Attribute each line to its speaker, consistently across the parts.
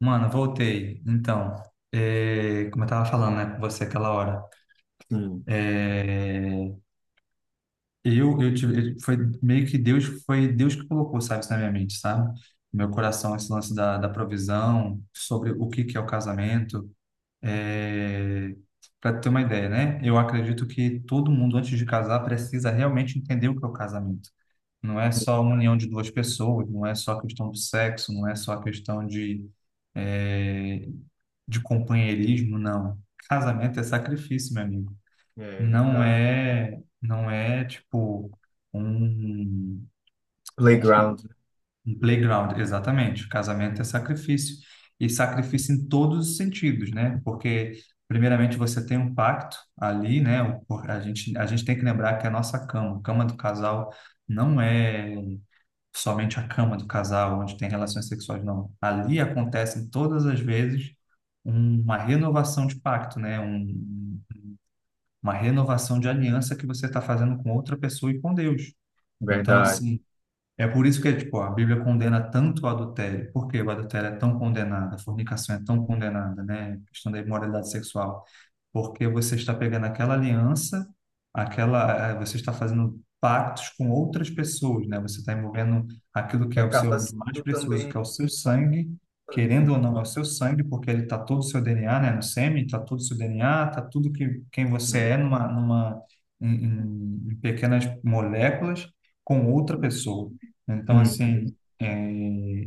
Speaker 1: Mano, voltei. Então, como eu tava falando, né, com você aquela hora,
Speaker 2: Sim,
Speaker 1: é, eu tive, foi meio que Deus, foi Deus que colocou, sabe, isso na minha mente, sabe? No meu coração, esse lance da provisão, sobre o que que é o casamento, é, para ter uma ideia, né? Eu acredito que todo mundo, antes de casar, precisa realmente entender o que é o casamento. Não é só a união de duas pessoas, não é só a questão do sexo, não é só a questão de é, de companheirismo, não. Casamento é sacrifício, meu amigo.
Speaker 2: é
Speaker 1: Não
Speaker 2: verdade.
Speaker 1: é, não é tipo um, um,
Speaker 2: Playground,
Speaker 1: um playground, exatamente. Casamento é sacrifício. E sacrifício em todos os sentidos, né? Porque, primeiramente, você tem um pacto ali, né? A gente tem que lembrar que a nossa cama, a cama do casal, não é somente a cama do casal, onde tem relações sexuais, não. Ali acontece todas as vezes uma renovação de pacto, né? Uma renovação de aliança que você está fazendo com outra pessoa e com Deus. Então,
Speaker 2: verdade.
Speaker 1: assim, é por isso que tipo, a Bíblia condena tanto o adultério. Por que o adultério é tão condenado? A fornicação é tão condenada, né? A questão da imoralidade sexual, porque você está pegando aquela aliança, aquela, você está fazendo pactos com outras pessoas, né? Você está envolvendo aquilo que
Speaker 2: E
Speaker 1: é o
Speaker 2: acaba
Speaker 1: seu de mais
Speaker 2: sendo
Speaker 1: precioso,
Speaker 2: também
Speaker 1: que é o seu sangue,
Speaker 2: sangue, né?
Speaker 1: querendo ou não, é o seu sangue, porque ele está todo o seu DNA, né? No sêmen, está todo o seu DNA, está tudo que quem você
Speaker 2: Sim.
Speaker 1: é numa em pequenas moléculas com outra pessoa. Então,
Speaker 2: Uhum.
Speaker 1: assim, é,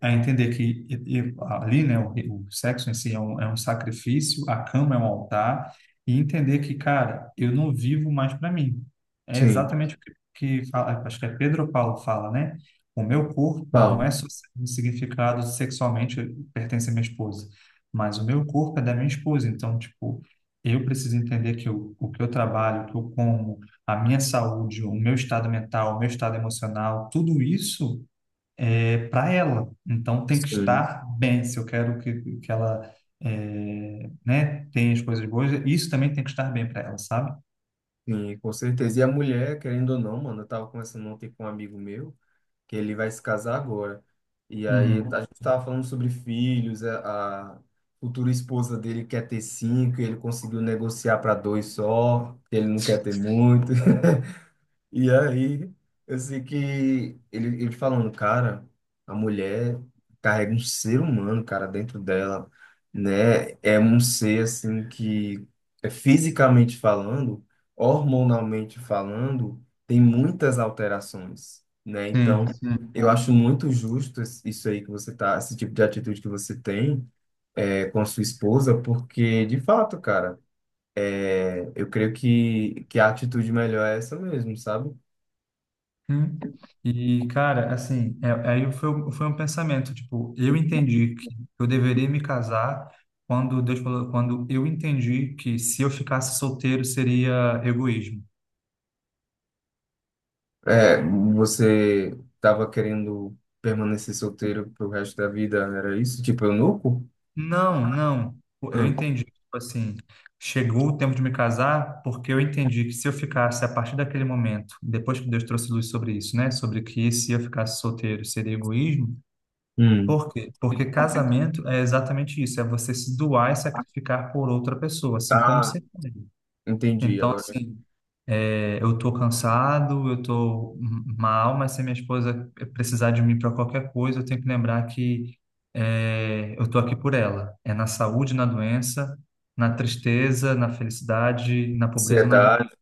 Speaker 1: a entender que ali, né, o sexo em si é um sacrifício, a cama é um altar, e entender que, cara, eu não vivo mais para mim. É
Speaker 2: Sim,
Speaker 1: exatamente o que, que fala, acho que é Pedro Paulo fala, né? O meu corpo não
Speaker 2: pau.
Speaker 1: é só significado sexualmente, pertence à minha esposa, mas o meu corpo é da minha esposa. Então, tipo, eu preciso entender que o que eu trabalho, o que eu como, a minha saúde, o meu estado mental, o meu estado emocional, tudo isso para ela. Então tem que
Speaker 2: Sim.
Speaker 1: estar bem. Se eu quero que ela né, tenha as coisas boas, isso também tem que estar bem para ela, sabe?
Speaker 2: Sim, com certeza. E a mulher, querendo ou não, mano, eu tava conversando ontem com um amigo meu, que ele vai se casar agora. E aí
Speaker 1: Uhum.
Speaker 2: a gente tava falando sobre filhos, a futura esposa dele quer ter cinco, e ele conseguiu negociar para dois só, que ele não quer ter muito. E aí, eu sei que ele falando, cara, a mulher carrega um ser humano, cara, dentro dela, né? É um ser, assim, que é fisicamente falando, hormonalmente falando, tem muitas alterações, né? Então,
Speaker 1: Sim, sim.
Speaker 2: eu acho muito justo isso aí que você tá, esse tipo de atitude que você tem, é, com a sua esposa, porque, de fato, cara, é, eu creio que, a atitude melhor é essa mesmo, sabe?
Speaker 1: Hum. E, cara, assim, aí foi, foi um pensamento, tipo, eu entendi que eu deveria me casar quando Deus falou, quando eu entendi que se eu ficasse solteiro seria egoísmo.
Speaker 2: É, você tava querendo permanecer solteiro pro resto da vida, era isso? Tipo, eunuco?
Speaker 1: Não, não. Eu
Speaker 2: Ah,
Speaker 1: entendi, tipo assim, chegou o tempo de me casar, porque eu entendi que se eu ficasse a partir daquele momento, depois que Deus trouxe luz sobre isso, né? Sobre que se eu ficasse solteiro seria egoísmo.
Speaker 2: hum.
Speaker 1: Por quê? Porque casamento é exatamente isso, é você se doar e sacrificar por outra pessoa, assim como
Speaker 2: Tá,
Speaker 1: você. É.
Speaker 2: entendi.
Speaker 1: Então,
Speaker 2: Agora, é
Speaker 1: assim, eu tô cansado, eu tô mal, mas se minha esposa precisar de mim para qualquer coisa, eu tenho que lembrar que eu tô aqui por ela. É na saúde, na doença, na tristeza, na felicidade, na pobreza, na
Speaker 2: ansiedade.
Speaker 1: riqueza.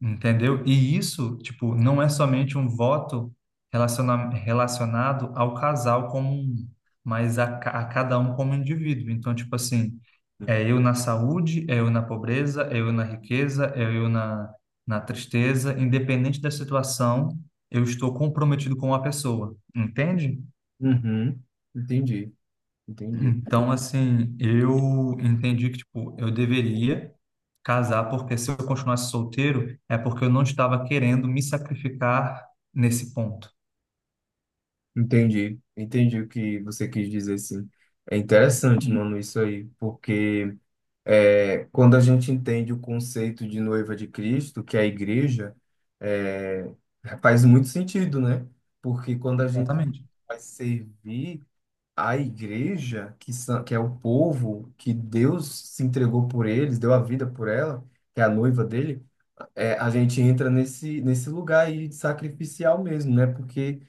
Speaker 1: Entendeu? E isso, tipo, não é somente um voto relacionado ao casal como um, mas a cada um como indivíduo. Então, tipo assim, é eu na saúde, é eu na pobreza, é eu na riqueza, é eu na, na tristeza, independente da situação, eu estou comprometido com a pessoa, entende?
Speaker 2: Uhum. Entendi, entendi.
Speaker 1: Então, assim, eu entendi que, tipo, eu deveria casar, porque se eu continuasse solteiro, é porque eu não estava querendo me sacrificar nesse ponto.
Speaker 2: Entendi, entendi o que você quis dizer, sim. É interessante, mano, isso aí, porque quando a gente entende o conceito de noiva de Cristo, que é a igreja, é, faz muito sentido, né? Porque quando a gente
Speaker 1: Exatamente.
Speaker 2: vai servir a igreja, que é o povo que Deus se entregou por eles, deu a vida por ela, que é a noiva dele, a gente entra nesse lugar aí de sacrificial mesmo, né? Porque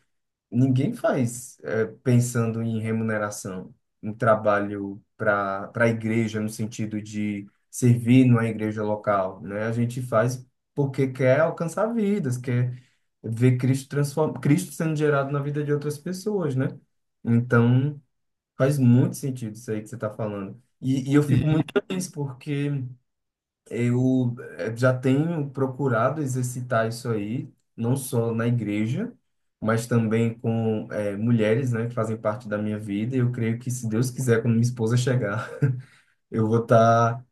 Speaker 2: ninguém faz é, pensando em remuneração, um trabalho para a igreja, no sentido de servir numa igreja local, né? A gente faz porque quer alcançar vidas, quer ver Cristo sendo gerado na vida de outras pessoas, né? Então, faz muito sentido isso aí que você está falando. E eu fico
Speaker 1: E,
Speaker 2: muito feliz porque eu já tenho procurado exercitar isso aí, não só na igreja, mas também com mulheres, né, que fazem parte da minha vida. E eu creio que, se Deus quiser, quando minha esposa chegar, eu vou estar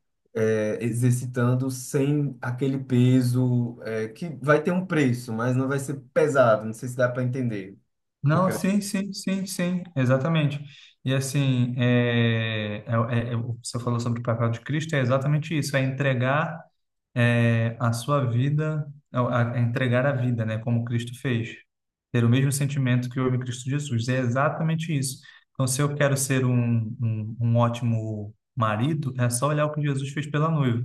Speaker 2: exercitando sem aquele peso que vai ter um preço, mas não vai ser pesado. Não sei se dá para entender. O que eu
Speaker 1: não,
Speaker 2: quero...
Speaker 1: sim, sim, sim, sim, exatamente. E, assim, você falou sobre o papel de Cristo, é exatamente isso, é entregar a sua vida, é, a entregar a vida, né, como Cristo fez. Ter o mesmo sentimento que houve em Cristo Jesus. É exatamente isso. Então, se eu quero ser um ótimo marido, é só olhar o que Jesus fez pela noiva, o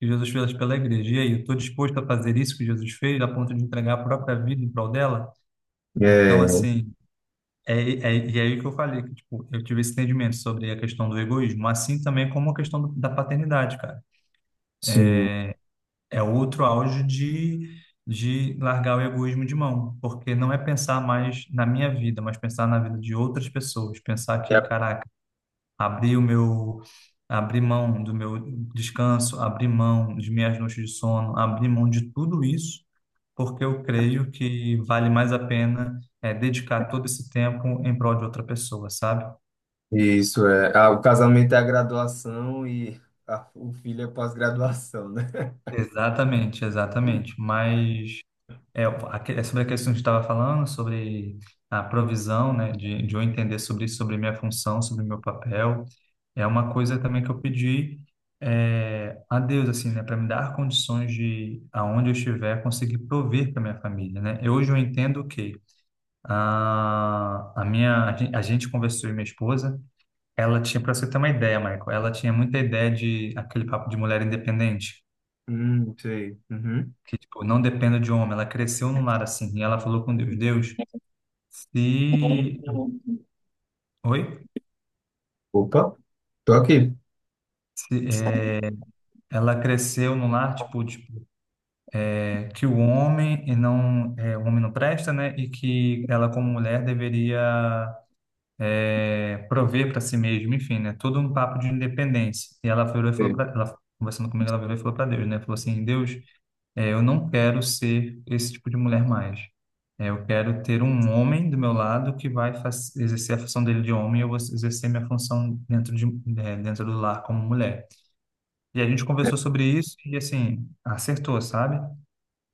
Speaker 1: que Jesus fez pela igreja. E aí, eu estou disposto a fazer isso que Jesus fez, a ponto de entregar a própria vida em prol dela? Então,
Speaker 2: É,
Speaker 1: assim. É, é, e é aí que eu falei, que, tipo, eu tive esse entendimento sobre a questão do egoísmo, assim também como a questão da paternidade, cara.
Speaker 2: sim.
Speaker 1: É outro auge de largar o egoísmo de mão, porque não é pensar mais na minha vida, mas pensar na vida de outras pessoas. Pensar que, caraca, abri o meu, abri mão do meu descanso, abri mão de minhas noites de sono, abri mão de tudo isso, porque eu creio que vale mais a pena é, dedicar todo esse tempo em prol de outra pessoa, sabe?
Speaker 2: Isso é. Ah, o casamento é a graduação e o filho é a pós-graduação, né?
Speaker 1: Exatamente, exatamente. Mas é, é sobre a questão que a gente estava falando, sobre a provisão, né, de eu entender sobre, sobre minha função, sobre meu papel, é uma coisa também que eu pedi a Deus, assim, né, para me dar condições de, aonde eu estiver, conseguir prover para minha família, né? Eu, hoje eu entendo que a gente conversou e minha esposa, ela tinha, para você ter uma ideia, Michael, ela tinha muita ideia de aquele papo de mulher independente
Speaker 2: Sei. Uhum.
Speaker 1: que tipo, não dependa de homem. Ela cresceu num lar assim, e ela falou com Deus, Deus, Se, oi?
Speaker 2: Opa, tô aqui.
Speaker 1: Se, é, ela cresceu no lar, tipo, que o homem e não, é, o homem não presta, né? E que ela, como mulher, deveria prover para si mesma, enfim, né? Todo um papo de independência. E ela virou e falou
Speaker 2: Ei.
Speaker 1: para ela, conversando comigo, ela virou e falou para Deus, né? Falou assim, Deus, eu não quero ser esse tipo de mulher mais. É, eu quero ter um homem do meu lado que vai exercer a função dele de homem e eu vou exercer minha função dentro de, dentro do lar como mulher. E a gente conversou sobre isso e, assim, acertou, sabe?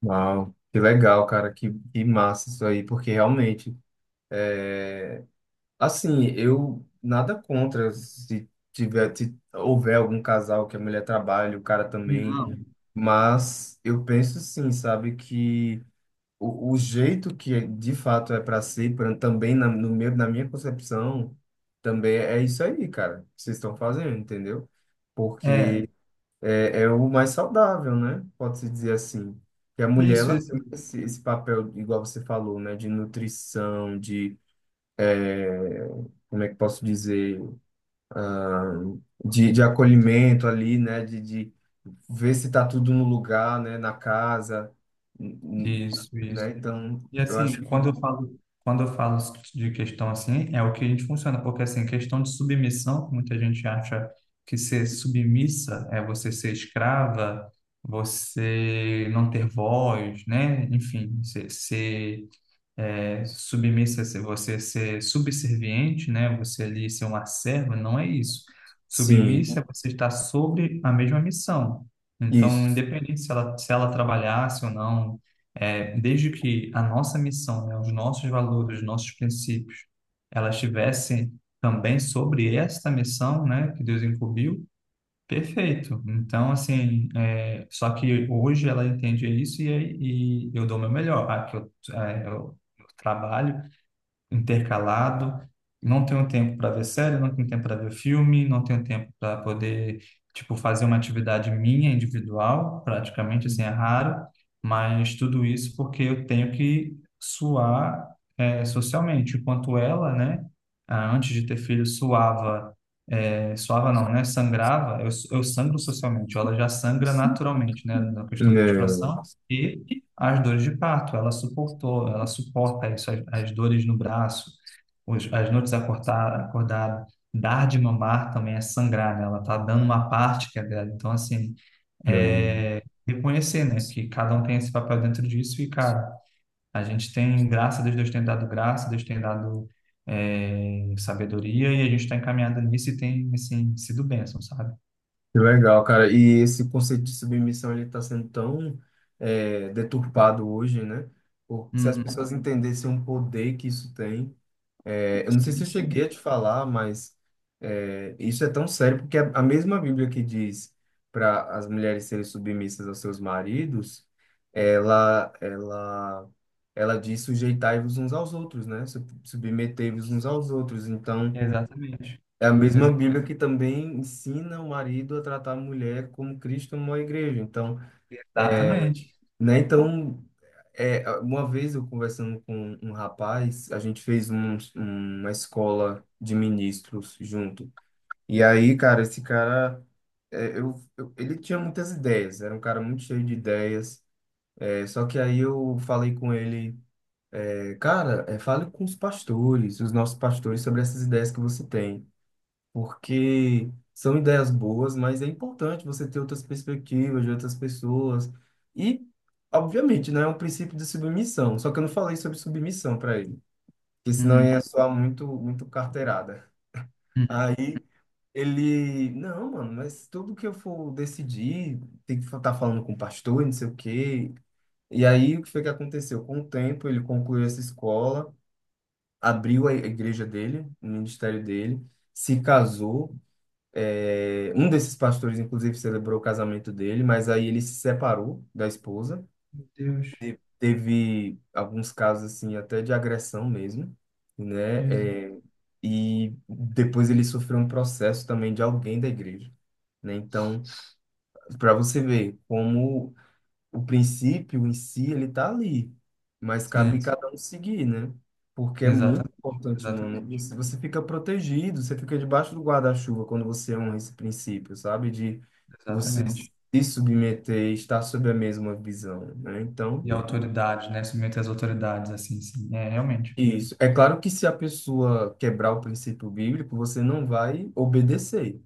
Speaker 2: Uau, que legal, cara, que massa isso aí, porque realmente, é, assim, eu nada contra se tiver, se houver algum casal que a mulher trabalhe, o cara também,
Speaker 1: Não.
Speaker 2: mas eu penso sim, sabe, que o jeito de fato é para ser, também na, no meu, na minha concepção, também é isso aí, cara, que vocês estão fazendo, entendeu?
Speaker 1: É,
Speaker 2: Porque é o mais saudável, né? Pode-se dizer assim. Que a mulher,
Speaker 1: isso,
Speaker 2: ela
Speaker 1: isso,
Speaker 2: tem esse papel, igual você falou, né? De nutrição, é, como é que posso dizer, de acolhimento ali, né? De ver se tá tudo no lugar, né? Na casa, n- n-
Speaker 1: isso,
Speaker 2: né?
Speaker 1: isso.
Speaker 2: Então,
Speaker 1: E
Speaker 2: eu acho
Speaker 1: assim,
Speaker 2: que
Speaker 1: quando eu falo de questão assim, é o que a gente funciona, porque assim, questão de submissão, muita gente acha que ser submissa é você ser escrava, você não ter voz, né? Enfim, ser, ser submissa, se você ser subserviente, né? Você ali ser uma serva, não é isso.
Speaker 2: sim.
Speaker 1: Submissa é você estar sobre a mesma missão. Então,
Speaker 2: Isso.
Speaker 1: independente se ela, se ela trabalhasse ou não, é, desde que a nossa missão, né, os nossos valores, os nossos princípios, ela estivesse também sobre esta missão, né, que Deus incumbiu, perfeito. Então, assim, é, só que hoje ela entende isso e eu dou o meu melhor. Ah, que eu, é, eu trabalho intercalado. Não tenho tempo para ver série, não tenho tempo para ver filme, não tenho tempo para poder, tipo, fazer uma atividade minha individual, praticamente, assim, é raro, mas tudo isso porque eu tenho que suar, socialmente, enquanto ela, né, ah, antes de ter filho, suava, suava não, né, sangrava, eu sangro socialmente, ela já sangra naturalmente, né, na questão da
Speaker 2: Não,
Speaker 1: menstruação, e as dores de parto. Ela suportou, ela suporta isso, as dores no braço, as noites acordada, dar de mamar também é sangrar, né? Ela tá dando uma parte que é dela. Então, assim,
Speaker 2: não.
Speaker 1: é reconhecer, né, que cada um tem esse papel dentro disso e, cara, a gente tem graça, Deus, Deus tem dado graça, Deus tem dado é, sabedoria e a gente está encaminhado nisso e tem, assim, sido bênção, sabe?
Speaker 2: Que legal, cara. E esse conceito de submissão ele está sendo tão deturpado hoje, né? Porque se as
Speaker 1: Uhum.
Speaker 2: pessoas entendessem o poder que isso tem, eu não sei se eu cheguei a
Speaker 1: Sim,
Speaker 2: te falar, mas isso é tão sério porque a mesma Bíblia que diz para as mulheres serem submissas aos seus maridos, ela, ela, ela diz sujeitai-vos uns aos outros, né? Submetei-vos uns aos outros. Então,
Speaker 1: exatamente.
Speaker 2: é a mesma
Speaker 1: Exa-
Speaker 2: Bíblia que também ensina o marido a tratar a mulher como Cristo amou a igreja. Então,
Speaker 1: Exatamente.
Speaker 2: né? Então, uma vez eu conversando com um rapaz, a gente fez uma escola de ministros junto. E aí, cara, esse cara, ele tinha muitas ideias, era um cara muito cheio de ideias. É, só que aí eu falei com ele, cara, fale com os pastores, os nossos pastores, sobre essas ideias que você tem. Porque são ideias boas, mas é importante você ter outras perspectivas de outras pessoas. E, obviamente, né, é um princípio de submissão, só que eu não falei sobre submissão para ele, porque senão
Speaker 1: Uhum.
Speaker 2: ia soar muito, muito carteirada. Aí ele, não, mano, mas tudo que eu for decidir, tem que estar falando com o pastor, e não sei o quê. E aí, o que foi que aconteceu? Com o tempo, ele concluiu essa escola, abriu a igreja dele, o ministério dele, se casou, um desses pastores, inclusive, celebrou o casamento dele, mas aí ele se separou da esposa.
Speaker 1: Meu Deus.
Speaker 2: Teve alguns casos, assim, até de agressão mesmo, né?
Speaker 1: Jesus.
Speaker 2: É, e depois ele sofreu um processo também de alguém da igreja, né? Então, para você ver como o princípio em si, ele tá ali, mas cabe
Speaker 1: Sim,
Speaker 2: cada um seguir, né? Porque é muito
Speaker 1: exatamente,
Speaker 2: importante, mano.
Speaker 1: exatamente,
Speaker 2: Você fica protegido, você fica debaixo do guarda-chuva quando você honra esse princípio, sabe? De você
Speaker 1: exatamente.
Speaker 2: se submeter e estar sob a mesma visão, né? Então,
Speaker 1: E autoridade, né? Submeter às autoridades, assim, sim. É, realmente.
Speaker 2: isso. É claro que se a pessoa quebrar o princípio bíblico, você não vai obedecer.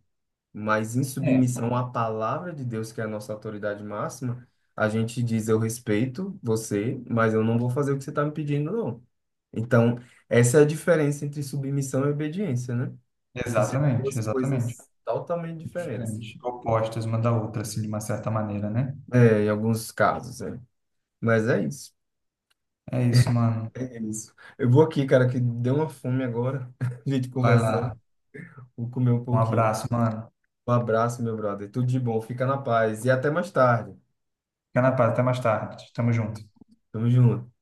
Speaker 2: Mas em
Speaker 1: É,
Speaker 2: submissão à palavra de Deus, que é a nossa autoridade máxima, a gente diz: Eu respeito você, mas eu não vou fazer o que você está me pedindo, não. Então, essa é a diferença entre submissão e obediência, né? Que são
Speaker 1: exatamente,
Speaker 2: duas coisas
Speaker 1: exatamente.
Speaker 2: totalmente diferentes.
Speaker 1: Diferente. Opostas uma da outra, assim, de uma certa maneira, né?
Speaker 2: É, em alguns casos, é. Mas é isso.
Speaker 1: É isso, mano.
Speaker 2: É isso. Eu vou aqui, cara, que deu uma fome agora. A gente
Speaker 1: Vai lá.
Speaker 2: conversando. Vou comer um
Speaker 1: Um
Speaker 2: pouquinho.
Speaker 1: abraço, mano.
Speaker 2: Um abraço, meu brother. Tudo de bom. Fica na paz. E até mais tarde.
Speaker 1: Fica na paz, até mais tarde. Tamo junto.
Speaker 2: Tamo junto.